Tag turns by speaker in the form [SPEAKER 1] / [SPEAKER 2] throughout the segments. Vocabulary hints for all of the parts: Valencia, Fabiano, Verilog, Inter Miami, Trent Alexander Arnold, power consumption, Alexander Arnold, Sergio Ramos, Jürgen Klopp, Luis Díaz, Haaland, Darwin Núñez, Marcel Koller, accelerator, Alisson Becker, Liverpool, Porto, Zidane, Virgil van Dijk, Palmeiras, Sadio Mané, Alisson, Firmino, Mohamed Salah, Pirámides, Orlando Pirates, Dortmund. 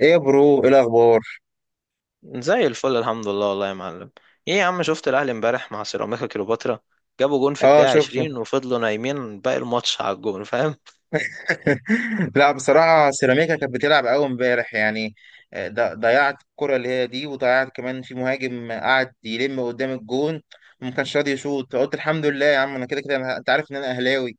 [SPEAKER 1] ايه يا برو؟ ايه الاخبار؟
[SPEAKER 2] زي الفل، الحمد لله والله يا معلم. ايه يا عم، شفت الاهلي امبارح مع سيراميكا كليوباترا؟ جابوا جون في
[SPEAKER 1] اه
[SPEAKER 2] الدقيقة
[SPEAKER 1] شفته.
[SPEAKER 2] 20 وفضلوا نايمين باقي الماتش على الجون، فاهم؟
[SPEAKER 1] لا بصراحه سيراميكا كانت بتلعب قوي امبارح يعني. ضيعت الكره اللي هي دي، وضيعت كمان في مهاجم قعد يلم قدام الجون وما كانش راضي يشوط. قلت الحمد لله يا عم، انا كده كده انت عارف ان انا اهلاوي.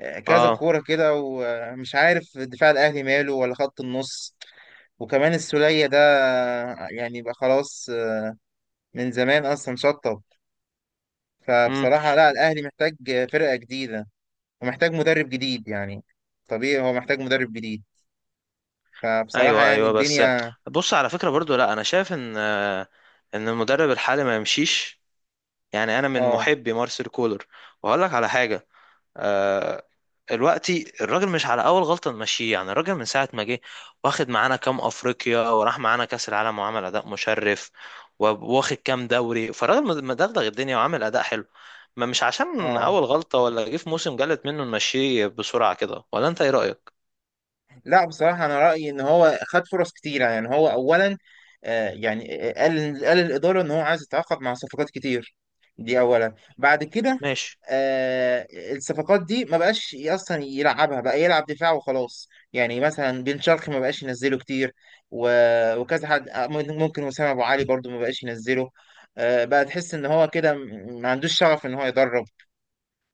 [SPEAKER 1] كذا
[SPEAKER 2] اه.
[SPEAKER 1] كوره كده، ومش عارف دفاع الاهلي ماله ولا خط النص. وكمان السولية ده يعني بقى خلاص، من زمان اصلا شطب.
[SPEAKER 2] امم
[SPEAKER 1] فبصراحه لا، الاهلي محتاج فرقه جديده، ومحتاج مدرب جديد يعني. طبيعي هو محتاج مدرب جديد. فبصراحة
[SPEAKER 2] ايوه
[SPEAKER 1] يعني
[SPEAKER 2] ايوه، بس
[SPEAKER 1] الدنيا...
[SPEAKER 2] بص على فكرة برضو، لا انا شايف ان المدرب الحالي ما يمشيش، يعني انا من
[SPEAKER 1] اه.
[SPEAKER 2] محبي مارسيل كولر. وهقول لك على حاجة. آه، دلوقتي الراجل مش على اول غلطه نمشيه، يعني الراجل من ساعه ما جه واخد معانا كام افريقيا وراح معانا كاس العالم وعمل اداء مشرف وواخد كام دوري، فالراجل مدغدغ الدنيا وعامل اداء حلو. ما مش عشان
[SPEAKER 1] اه،
[SPEAKER 2] اول غلطه ولا جه في موسم جلت منه نمشيه بسرعه كده، ولا انت ايه رايك؟
[SPEAKER 1] لا بصراحة أنا رأيي إن هو خد فرص كتيرة. يعني هو أولا يعني قال الإدارة إن هو عايز يتعاقد مع صفقات كتير، دي أولا. بعد كده
[SPEAKER 2] ماشي.
[SPEAKER 1] آه، الصفقات دي ما بقاش أصلا يلعبها، بقى يلعب دفاع وخلاص. يعني مثلا بن شرقي ما بقاش ينزله كتير، وكذا حد ممكن وسام أبو علي برضو ما بقاش ينزله. بقى تحس إن هو كده ما عندوش شغف إن هو يدرب.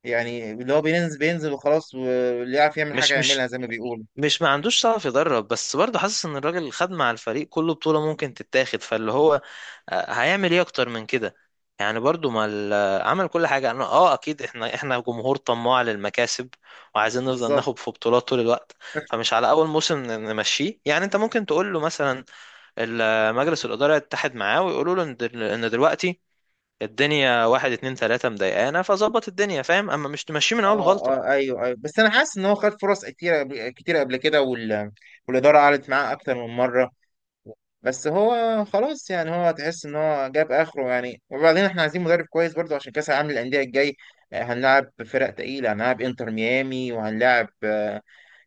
[SPEAKER 1] يعني اللي هو بينزل بينزل وخلاص، واللي يعرف يعمل حاجة
[SPEAKER 2] مش
[SPEAKER 1] يعملها
[SPEAKER 2] مش
[SPEAKER 1] زي ما بيقولوا.
[SPEAKER 2] مش ما عندوش شغف يدرب، بس برضه حاسس ان الراجل خد مع الفريق كله بطولة ممكن تتاخد، فاللي هو هيعمل ايه اكتر من كده؟ يعني برضه ما ال- آه، عمل كل حاجة. انا اه، اكيد احنا جمهور طماع للمكاسب، وعايزين نفضل
[SPEAKER 1] بالظبط.
[SPEAKER 2] ناخد في بطولات طول الوقت. فمش على اول موسم نمشيه، يعني انت ممكن تقول له مثلا مجلس الإدارة يتحد معاه ويقولوا له إن دلوقتي الدنيا واحد اتنين تلاتة مضايقانا، فظبط الدنيا، فاهم؟ اما مش تمشيه من اول
[SPEAKER 1] اه،
[SPEAKER 2] غلطة.
[SPEAKER 1] اه، ايوه، ايوه، بس انا حاسس ان هو خد فرص كتير كتير قبل كده والاداره قعدت معاه اكتر من مره، بس هو خلاص. يعني هو تحس ان هو جاب اخره يعني. وبعدين احنا عايزين مدرب كويس برضو عشان كاس العالم للانديه الجاي. هنلعب فرق تقيله، هنلعب انتر ميامي، وهنلعب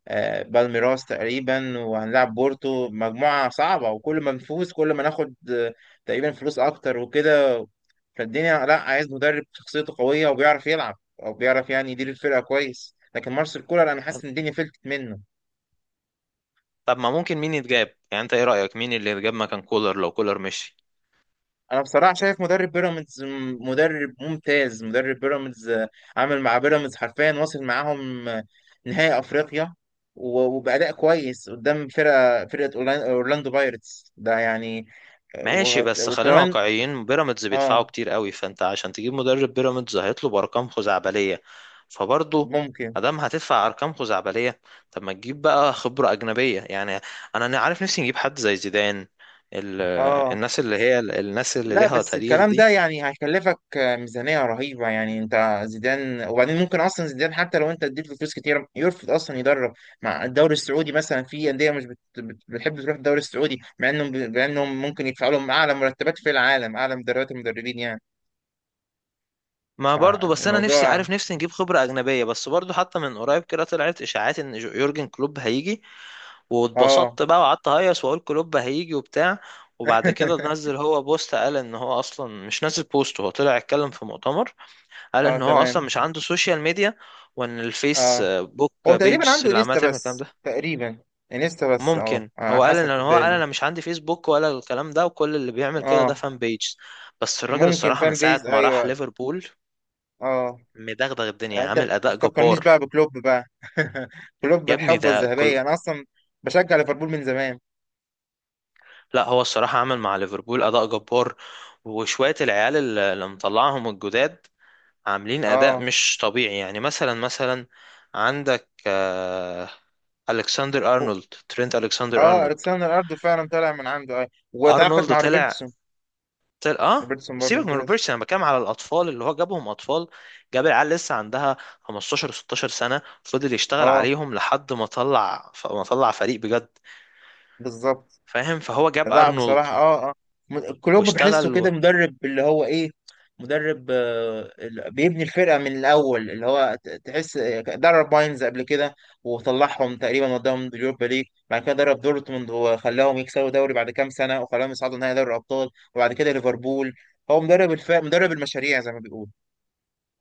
[SPEAKER 1] بالميراس تقريبا، وهنلعب بورتو، مجموعة صعبة. وكل ما نفوز كل ما ناخد تقريبا فلوس أكتر وكده. فالدنيا لا، عايز مدرب شخصيته قوية وبيعرف يلعب، أو بيعرف يعني يدير الفرقة كويس. لكن مارسيل كولر أنا حاسس إن الدنيا فلتت منه.
[SPEAKER 2] طب ما ممكن مين يتجاب؟ يعني انت ايه رأيك مين اللي يتجاب مكان كولر لو كولر مشي؟
[SPEAKER 1] أنا بصراحة شايف مدرب بيراميدز مدرب ممتاز. مدرب بيراميدز عامل مع بيراميدز حرفيا، واصل معاهم نهائي أفريقيا، وبأداء كويس قدام فرقة أورلاندو بايرتس ده يعني.
[SPEAKER 2] ماشي، بس خلينا
[SPEAKER 1] وكمان.
[SPEAKER 2] واقعيين. بيراميدز
[SPEAKER 1] اه.
[SPEAKER 2] بيدفعوا كتير قوي، فانت عشان تجيب مدرب بيراميدز هيطلب ارقام خزعبلية. فبرضه
[SPEAKER 1] ممكن.
[SPEAKER 2] ادام هتدفع ارقام خزعبلية، طب ما تجيب بقى خبرة أجنبية، يعني أنا عارف نفسي نجيب حد زي زيدان، ال-
[SPEAKER 1] اه.
[SPEAKER 2] الناس اللي
[SPEAKER 1] لا
[SPEAKER 2] ليها
[SPEAKER 1] بس
[SPEAKER 2] تاريخ
[SPEAKER 1] الكلام ده
[SPEAKER 2] دي.
[SPEAKER 1] يعني هيكلفك ميزانية رهيبة يعني. انت زيدان؟ وبعدين ممكن اصلا زيدان حتى لو انت اديت له فلوس كتير يرفض اصلا يدرب مع الدوري السعودي. مثلا في اندية مش بتحب تروح الدوري السعودي، مع انهم مع انهم ممكن يدفعوا لهم اعلى مرتبات في العالم، اعلى المدربين يعني.
[SPEAKER 2] ما برضو، بس انا نفسي
[SPEAKER 1] فالموضوع.
[SPEAKER 2] عارف نفسي نجيب خبرة أجنبية. بس برضو حتى من قريب كده طلعت إشاعات ان يورجن كلوب هيجي،
[SPEAKER 1] اه.
[SPEAKER 2] واتبسطت بقى وقعدت اهيص واقول كلوب هيجي وبتاع. وبعد كده نزل هو بوست، قال ان هو اصلا مش نزل بوست، هو طلع اتكلم في مؤتمر. قال
[SPEAKER 1] اه
[SPEAKER 2] ان هو
[SPEAKER 1] تمام.
[SPEAKER 2] اصلا مش عنده سوشيال ميديا، وان الفيس
[SPEAKER 1] اه،
[SPEAKER 2] بوك
[SPEAKER 1] هو تقريبا
[SPEAKER 2] بيجز
[SPEAKER 1] عنده
[SPEAKER 2] اللي عماله
[SPEAKER 1] انيستا
[SPEAKER 2] تعمل الكلام
[SPEAKER 1] بس،
[SPEAKER 2] ده.
[SPEAKER 1] تقريبا انيستا بس. اه
[SPEAKER 2] ممكن هو
[SPEAKER 1] على
[SPEAKER 2] قال
[SPEAKER 1] حسب
[SPEAKER 2] ان
[SPEAKER 1] في
[SPEAKER 2] هو قال
[SPEAKER 1] الدوري.
[SPEAKER 2] انا مش عندي فيسبوك ولا الكلام ده، وكل اللي بيعمل كده ده
[SPEAKER 1] اه
[SPEAKER 2] فان بيجز. بس الراجل
[SPEAKER 1] ممكن
[SPEAKER 2] الصراحة من
[SPEAKER 1] فان
[SPEAKER 2] ساعة
[SPEAKER 1] بيز،
[SPEAKER 2] ما راح
[SPEAKER 1] ايوه.
[SPEAKER 2] ليفربول
[SPEAKER 1] اه
[SPEAKER 2] مدغدغ الدنيا،
[SPEAKER 1] يعني انت
[SPEAKER 2] عامل
[SPEAKER 1] ما
[SPEAKER 2] اداء
[SPEAKER 1] تفكرنيش
[SPEAKER 2] جبار.
[SPEAKER 1] بقى بكلوب بقى. كلوب
[SPEAKER 2] يا ابني
[SPEAKER 1] الحقبه
[SPEAKER 2] ده،
[SPEAKER 1] الذهبيه، انا اصلا بشجع ليفربول من زمان.
[SPEAKER 2] لا هو الصراحة عمل مع ليفربول أداء جبار. وشوية العيال اللي مطلعهم الجداد عاملين أداء
[SPEAKER 1] اه.
[SPEAKER 2] مش طبيعي، يعني مثلا عندك ألكسندر أرنولد، ترينت ألكسندر
[SPEAKER 1] اه
[SPEAKER 2] أرنولد.
[SPEAKER 1] الكسندر ارنولد فعلا طالع من عنده اي، وتعاقد
[SPEAKER 2] أرنولد
[SPEAKER 1] مع
[SPEAKER 2] طلع،
[SPEAKER 1] روبرتسون. روبرتسون برضه
[SPEAKER 2] سيبك من
[SPEAKER 1] ممتاز.
[SPEAKER 2] روبرتسون، أنا بتكلم على الأطفال اللي هو جابهم أطفال، جاب العيال لسه عندها 15 16 سنة، فضل يشتغل
[SPEAKER 1] اه
[SPEAKER 2] عليهم لحد ما طلع، ما طلع فريق بجد،
[SPEAKER 1] بالظبط.
[SPEAKER 2] فاهم؟ فهو جاب
[SPEAKER 1] لا
[SPEAKER 2] أرنولد
[SPEAKER 1] بصراحة، اه، اه، كلوب
[SPEAKER 2] واشتغل.
[SPEAKER 1] بحسه كده مدرب اللي هو ايه، مدرب بيبني الفرقة من الأول. اللي هو تحس درب باينز قبل كده وطلعهم تقريبا وداهم اليوروبا ليج، بعد كده درب دورتموند وخلاهم يكسبوا دوري بعد كام سنة وخلاهم يصعدوا نهائي دوري الأبطال، وبعد كده ليفربول. هو مدرب مدرب المشاريع زي ما بيقول.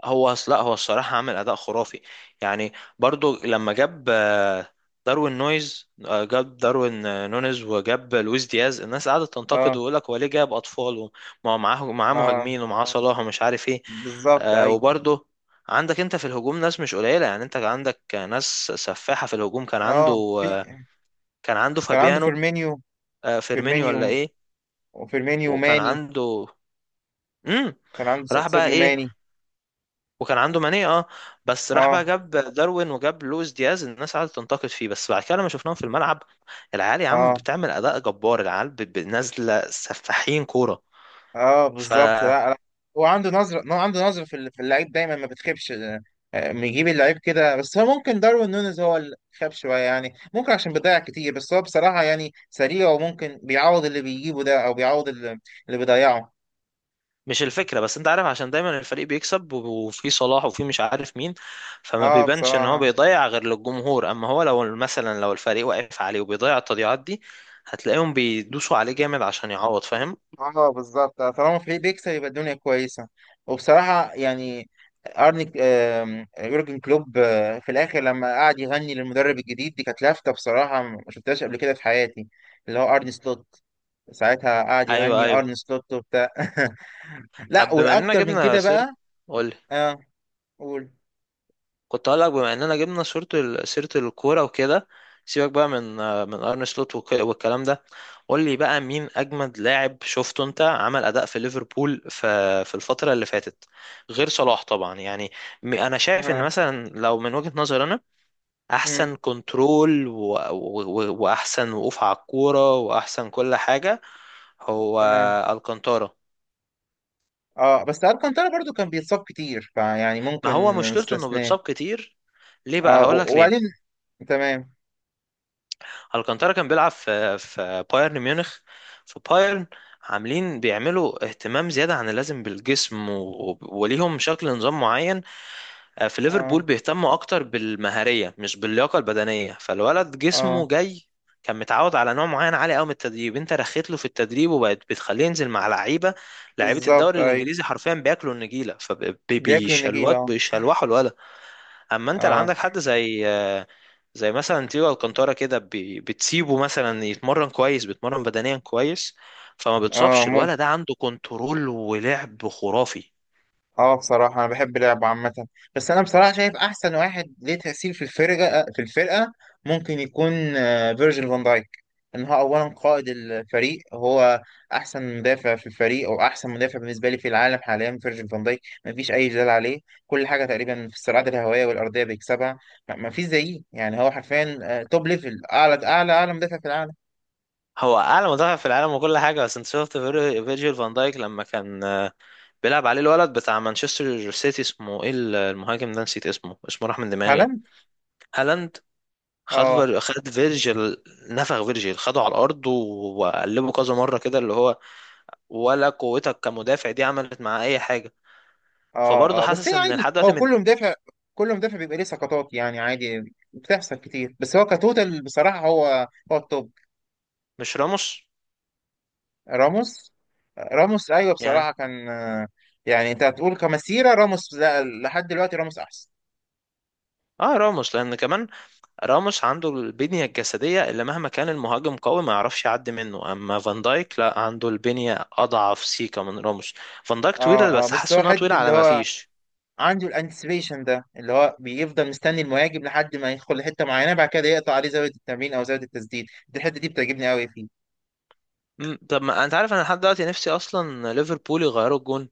[SPEAKER 2] لا هو الصراحة عامل أداء خرافي، يعني برضو لما جاب داروين نونيز، وجاب لويس دياز. الناس قعدت تنتقد
[SPEAKER 1] اه.
[SPEAKER 2] ويقول لك هو ليه جاب أطفال؟ ومعاه
[SPEAKER 1] اه
[SPEAKER 2] مهاجمين، ومعاه صلاح ومش عارف إيه.
[SPEAKER 1] بالظبط ايوه.
[SPEAKER 2] وبرضو عندك أنت في الهجوم ناس مش قليلة، يعني أنت عندك ناس سفاحة في الهجوم.
[SPEAKER 1] اه في.
[SPEAKER 2] آه، كان عنده
[SPEAKER 1] كان عنده
[SPEAKER 2] فابيانو،
[SPEAKER 1] فيرمينيو.
[SPEAKER 2] فيرمينيو ولا
[SPEAKER 1] فيرمينيو.
[SPEAKER 2] إيه؟
[SPEAKER 1] وفيرمينيو
[SPEAKER 2] وكان
[SPEAKER 1] ماني.
[SPEAKER 2] عنده مم.
[SPEAKER 1] كان عنده
[SPEAKER 2] راح بقى
[SPEAKER 1] ساديو
[SPEAKER 2] ايه،
[SPEAKER 1] ماني.
[SPEAKER 2] وكان عنده ماني، اه. بس راح بقى
[SPEAKER 1] اه.
[SPEAKER 2] جاب داروين وجاب لويس دياز، الناس قعدت تنتقد فيه، بس بعد كده لما شفناهم في الملعب، العيال يا عم
[SPEAKER 1] اه.
[SPEAKER 2] بتعمل اداء جبار. العيال نازله سفاحين كوره،
[SPEAKER 1] اه بالظبط،
[SPEAKER 2] فمش.
[SPEAKER 1] لا لا. هو عنده نظره، هو عنده نظره في في اللعيب دايما ما بتخيبش، بيجيب اللعيب كده. بس هو ممكن داروين نونيز هو اللي خاب شويه يعني، ممكن عشان بيضيع كتير. بس هو بصراحه يعني سريع، وممكن بيعوض اللي بيجيبه ده، او بيعوض اللي بيضيعه.
[SPEAKER 2] الفكره بس انت عارف عشان دايما الفريق بيكسب، و- وفي صلاح وفي مش عارف مين، فما
[SPEAKER 1] اه
[SPEAKER 2] بيبانش ان هو
[SPEAKER 1] بصراحه.
[SPEAKER 2] بيضيع غير للجمهور. اما هو لو مثلا، لو الفريق واقف عليه وبيضيع التضييعات دي، هتلاقيهم بيدوسوا عليه جامد عشان يعوض، فاهم؟
[SPEAKER 1] اه بالظبط، طالما فريق بيكسب يبقى الدنيا كويسه. وبصراحه يعني ارني يورجن كلوب في الاخر لما قعد يغني للمدرب الجديد دي، كانت لافته بصراحه ما شفتهاش قبل كده في حياتي. اللي هو ارني سلوت. ساعتها قعد
[SPEAKER 2] ايوه
[SPEAKER 1] يهني
[SPEAKER 2] ايوه.
[SPEAKER 1] ارن سلوت وبتاع. لا
[SPEAKER 2] طب بما اننا
[SPEAKER 1] والاكتر من
[SPEAKER 2] جبنا
[SPEAKER 1] كده
[SPEAKER 2] سيرة،
[SPEAKER 1] بقى.
[SPEAKER 2] قول.
[SPEAKER 1] اه قول.
[SPEAKER 2] كنت هقول لك، بما اننا جبنا سيره، سيره الكوره وكده، سيبك بقى من ارن سلوت والكلام ده. قول لي بقى مين اجمد لاعب شفته انت عمل اداء في ليفربول في الفتره اللي فاتت، غير صلاح طبعا. يعني انا شايف ان
[SPEAKER 1] اه.
[SPEAKER 2] مثلا، لو من وجهه نظري انا،
[SPEAKER 1] مم.
[SPEAKER 2] احسن كنترول واحسن وقوف على الكوره واحسن كل حاجه، هو
[SPEAKER 1] تمام.
[SPEAKER 2] الكانتارا.
[SPEAKER 1] اه بس الكانتارا برضو كان بيتصاب كتير، فيعني
[SPEAKER 2] ما هو
[SPEAKER 1] ممكن
[SPEAKER 2] مشكلته انه
[SPEAKER 1] نستثناه.
[SPEAKER 2] بيتصاب كتير. ليه بقى؟
[SPEAKER 1] اه،
[SPEAKER 2] هقول لك
[SPEAKER 1] وبعدين
[SPEAKER 2] ليه.
[SPEAKER 1] تمام.
[SPEAKER 2] الكانتارا كان بيلعب في بايرن ميونخ، في بايرن عاملين بيعملوا اهتمام زيادة عن اللازم بالجسم، وليهم شكل نظام معين. في ليفربول
[SPEAKER 1] اه،
[SPEAKER 2] بيهتموا أكتر بالمهارية مش باللياقة البدنية، فالولد
[SPEAKER 1] اه
[SPEAKER 2] جسمه جاي كان متعود على نوع معين عالي قوي من التدريب، انت رخيت له في التدريب وبقت بتخليه ينزل مع لعيبه، لعيبه
[SPEAKER 1] بالظبط
[SPEAKER 2] الدوري
[SPEAKER 1] ايوه،
[SPEAKER 2] الانجليزي حرفيا بياكلوا النجيله،
[SPEAKER 1] بياكلوا النجيلة اه.
[SPEAKER 2] بيشلوحوا الولد. اما انت اللي عندك حد زي مثلا تيجو الكانتارا كده، بتسيبه مثلا يتمرن كويس، بيتمرن بدنيا كويس، فما
[SPEAKER 1] اه
[SPEAKER 2] بتصابش.
[SPEAKER 1] ممكن.
[SPEAKER 2] الولد ده عنده كنترول ولعب خرافي.
[SPEAKER 1] اه بصراحة أنا بحب لعبه عامة. بس أنا بصراحة شايف أحسن واحد ليه تأثير في الفرقة، ممكن يكون فيرجيل فان دايك. إن هو أولا قائد الفريق، هو أحسن مدافع في الفريق، أو أحسن مدافع بالنسبة لي في العالم حاليا فيرجيل فان دايك، مفيش أي جدال عليه. كل حاجة تقريبا في الصراعات الهوائية والأرضية بيكسبها. مفيش زيه يعني، هو حرفيا توب ليفل، أعلى أعلى أعلى مدافع في العالم.
[SPEAKER 2] هو اعلى مدافع في العالم وكل حاجه، بس انت شفت فيرجيل فان دايك لما كان بيلعب عليه الولد بتاع مانشستر سيتي، اسمه ايه، المهاجم ده نسيت اسمه راح من دماغي.
[SPEAKER 1] هالاند.
[SPEAKER 2] هالاند. خد
[SPEAKER 1] اه.
[SPEAKER 2] فير- خد فيرجيل، نفخ فيرجيل خده على الارض وقلبه كذا مره كده، اللي هو ولا قوتك كمدافع دي عملت مع اي حاجه. فبرضه
[SPEAKER 1] اه. اه بس هي
[SPEAKER 2] حاسس ان
[SPEAKER 1] عادي،
[SPEAKER 2] لحد دلوقتي
[SPEAKER 1] هو كل مدافع، كل مدافع بيبقى ليه سقطات يعني، عادي بتحصل كتير. بس هو كتوتال بصراحة، هو التوب.
[SPEAKER 2] مش راموس،
[SPEAKER 1] راموس. راموس ايوه
[SPEAKER 2] يعني.
[SPEAKER 1] بصراحة، كان يعني انت هتقول كمسيرة راموس؟ لا لحد دلوقتي راموس احسن.
[SPEAKER 2] اه، راموس لان كمان راموس عنده البنيه الجسديه اللي مهما كان المهاجم قوي ما يعرفش يعدي منه. اما فان دايك لا، عنده البنيه اضعف سيكا من راموس. فان دايك طويله
[SPEAKER 1] اه. اه
[SPEAKER 2] بس
[SPEAKER 1] بس
[SPEAKER 2] حاسه
[SPEAKER 1] هو
[SPEAKER 2] انها طويله
[SPEAKER 1] حتة اللي
[SPEAKER 2] على ما
[SPEAKER 1] هو
[SPEAKER 2] فيش.
[SPEAKER 1] عنده الانتسبيشن ده، اللي هو بيفضل مستني المهاجم لحد ما يدخل لحتة معينة، بعد كده يقطع عليه زاوية التمرير او زاوية التسديد. دي الحتة دي بتعجبني قوي فيه.
[SPEAKER 2] طب ما انت عارف، انا لحد دلوقتي نفسي اصلا ليفربول يغيروا الجون.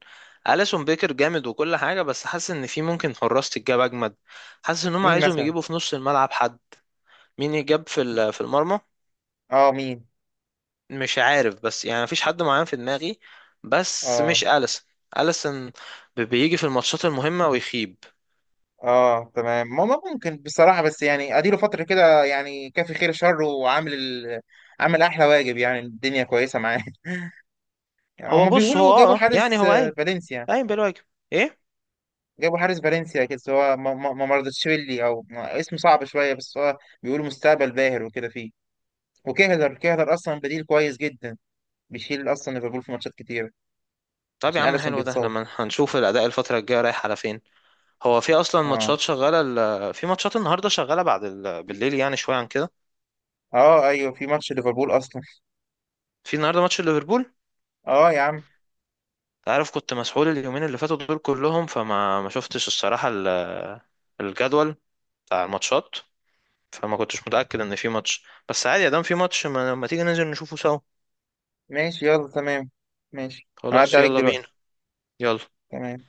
[SPEAKER 2] اليسون بيكر جامد وكل حاجه، بس حاسس ان في ممكن حراس تتجاب اجمد، حاسس ان هم
[SPEAKER 1] مين
[SPEAKER 2] عايزهم
[SPEAKER 1] مثلا؟
[SPEAKER 2] يجيبوا في نص الملعب حد. مين يجاب في في المرمى؟
[SPEAKER 1] اه مين؟
[SPEAKER 2] مش عارف، بس يعني مفيش حد معين في دماغي، بس
[SPEAKER 1] اه.
[SPEAKER 2] مش أليسن. أليسن بيجي في الماتشات المهمة ويخيب.
[SPEAKER 1] اه تمام. ما ممكن بصراحة، بس يعني اديله فترة كده يعني، كافي خير شر وعامل عامل احلى واجب يعني. الدنيا كويسة معاه. يعني
[SPEAKER 2] هو
[SPEAKER 1] هما
[SPEAKER 2] بص، هو
[SPEAKER 1] بيقولوا جابوا
[SPEAKER 2] يعني
[SPEAKER 1] حارس
[SPEAKER 2] هو قايم،
[SPEAKER 1] فالنسيا.
[SPEAKER 2] قايم بالواجب. ايه.
[SPEAKER 1] جابوا حارس فالنسيا كده، بس هو ما مرضتشفيلي او ما- اسمه صعب شوية، بس هو بيقولوا مستقبل باهر وكده فيه. وكهلر، كهلر اصلا بديل كويس جدا، بيشيل اصلا ليفربول في ماتشات كتيرة
[SPEAKER 2] طب يا
[SPEAKER 1] عشان
[SPEAKER 2] عم
[SPEAKER 1] اليسون
[SPEAKER 2] حلو، ده
[SPEAKER 1] بيتصاب.
[SPEAKER 2] لما هنشوف الأداء الفترة الجاية رايح على فين. هو في أصلا
[SPEAKER 1] اه.
[SPEAKER 2] ماتشات شغالة في ماتشات النهاردة شغالة بعد بالليل، يعني شوية عن كده.
[SPEAKER 1] اه ايوه في ماتش ليفربول اصلا.
[SPEAKER 2] في النهاردة ماتش ليفربول.
[SPEAKER 1] اه يا عم.
[SPEAKER 2] انت عارف كنت مسحول اليومين اللي فاتوا دول كلهم، فما ما شفتش الصراحة الجدول بتاع الماتشات، فما كنتش متأكد ان في ماتش، بس عادي يا دام في ماتش، ما تيجي ننزل نشوفه سوا.
[SPEAKER 1] ماشي يلا تمام. ماشي هعدي
[SPEAKER 2] خلاص
[SPEAKER 1] عليك
[SPEAKER 2] يلا
[SPEAKER 1] دلوقتي.
[SPEAKER 2] بينا. يلا.
[SPEAKER 1] تمام.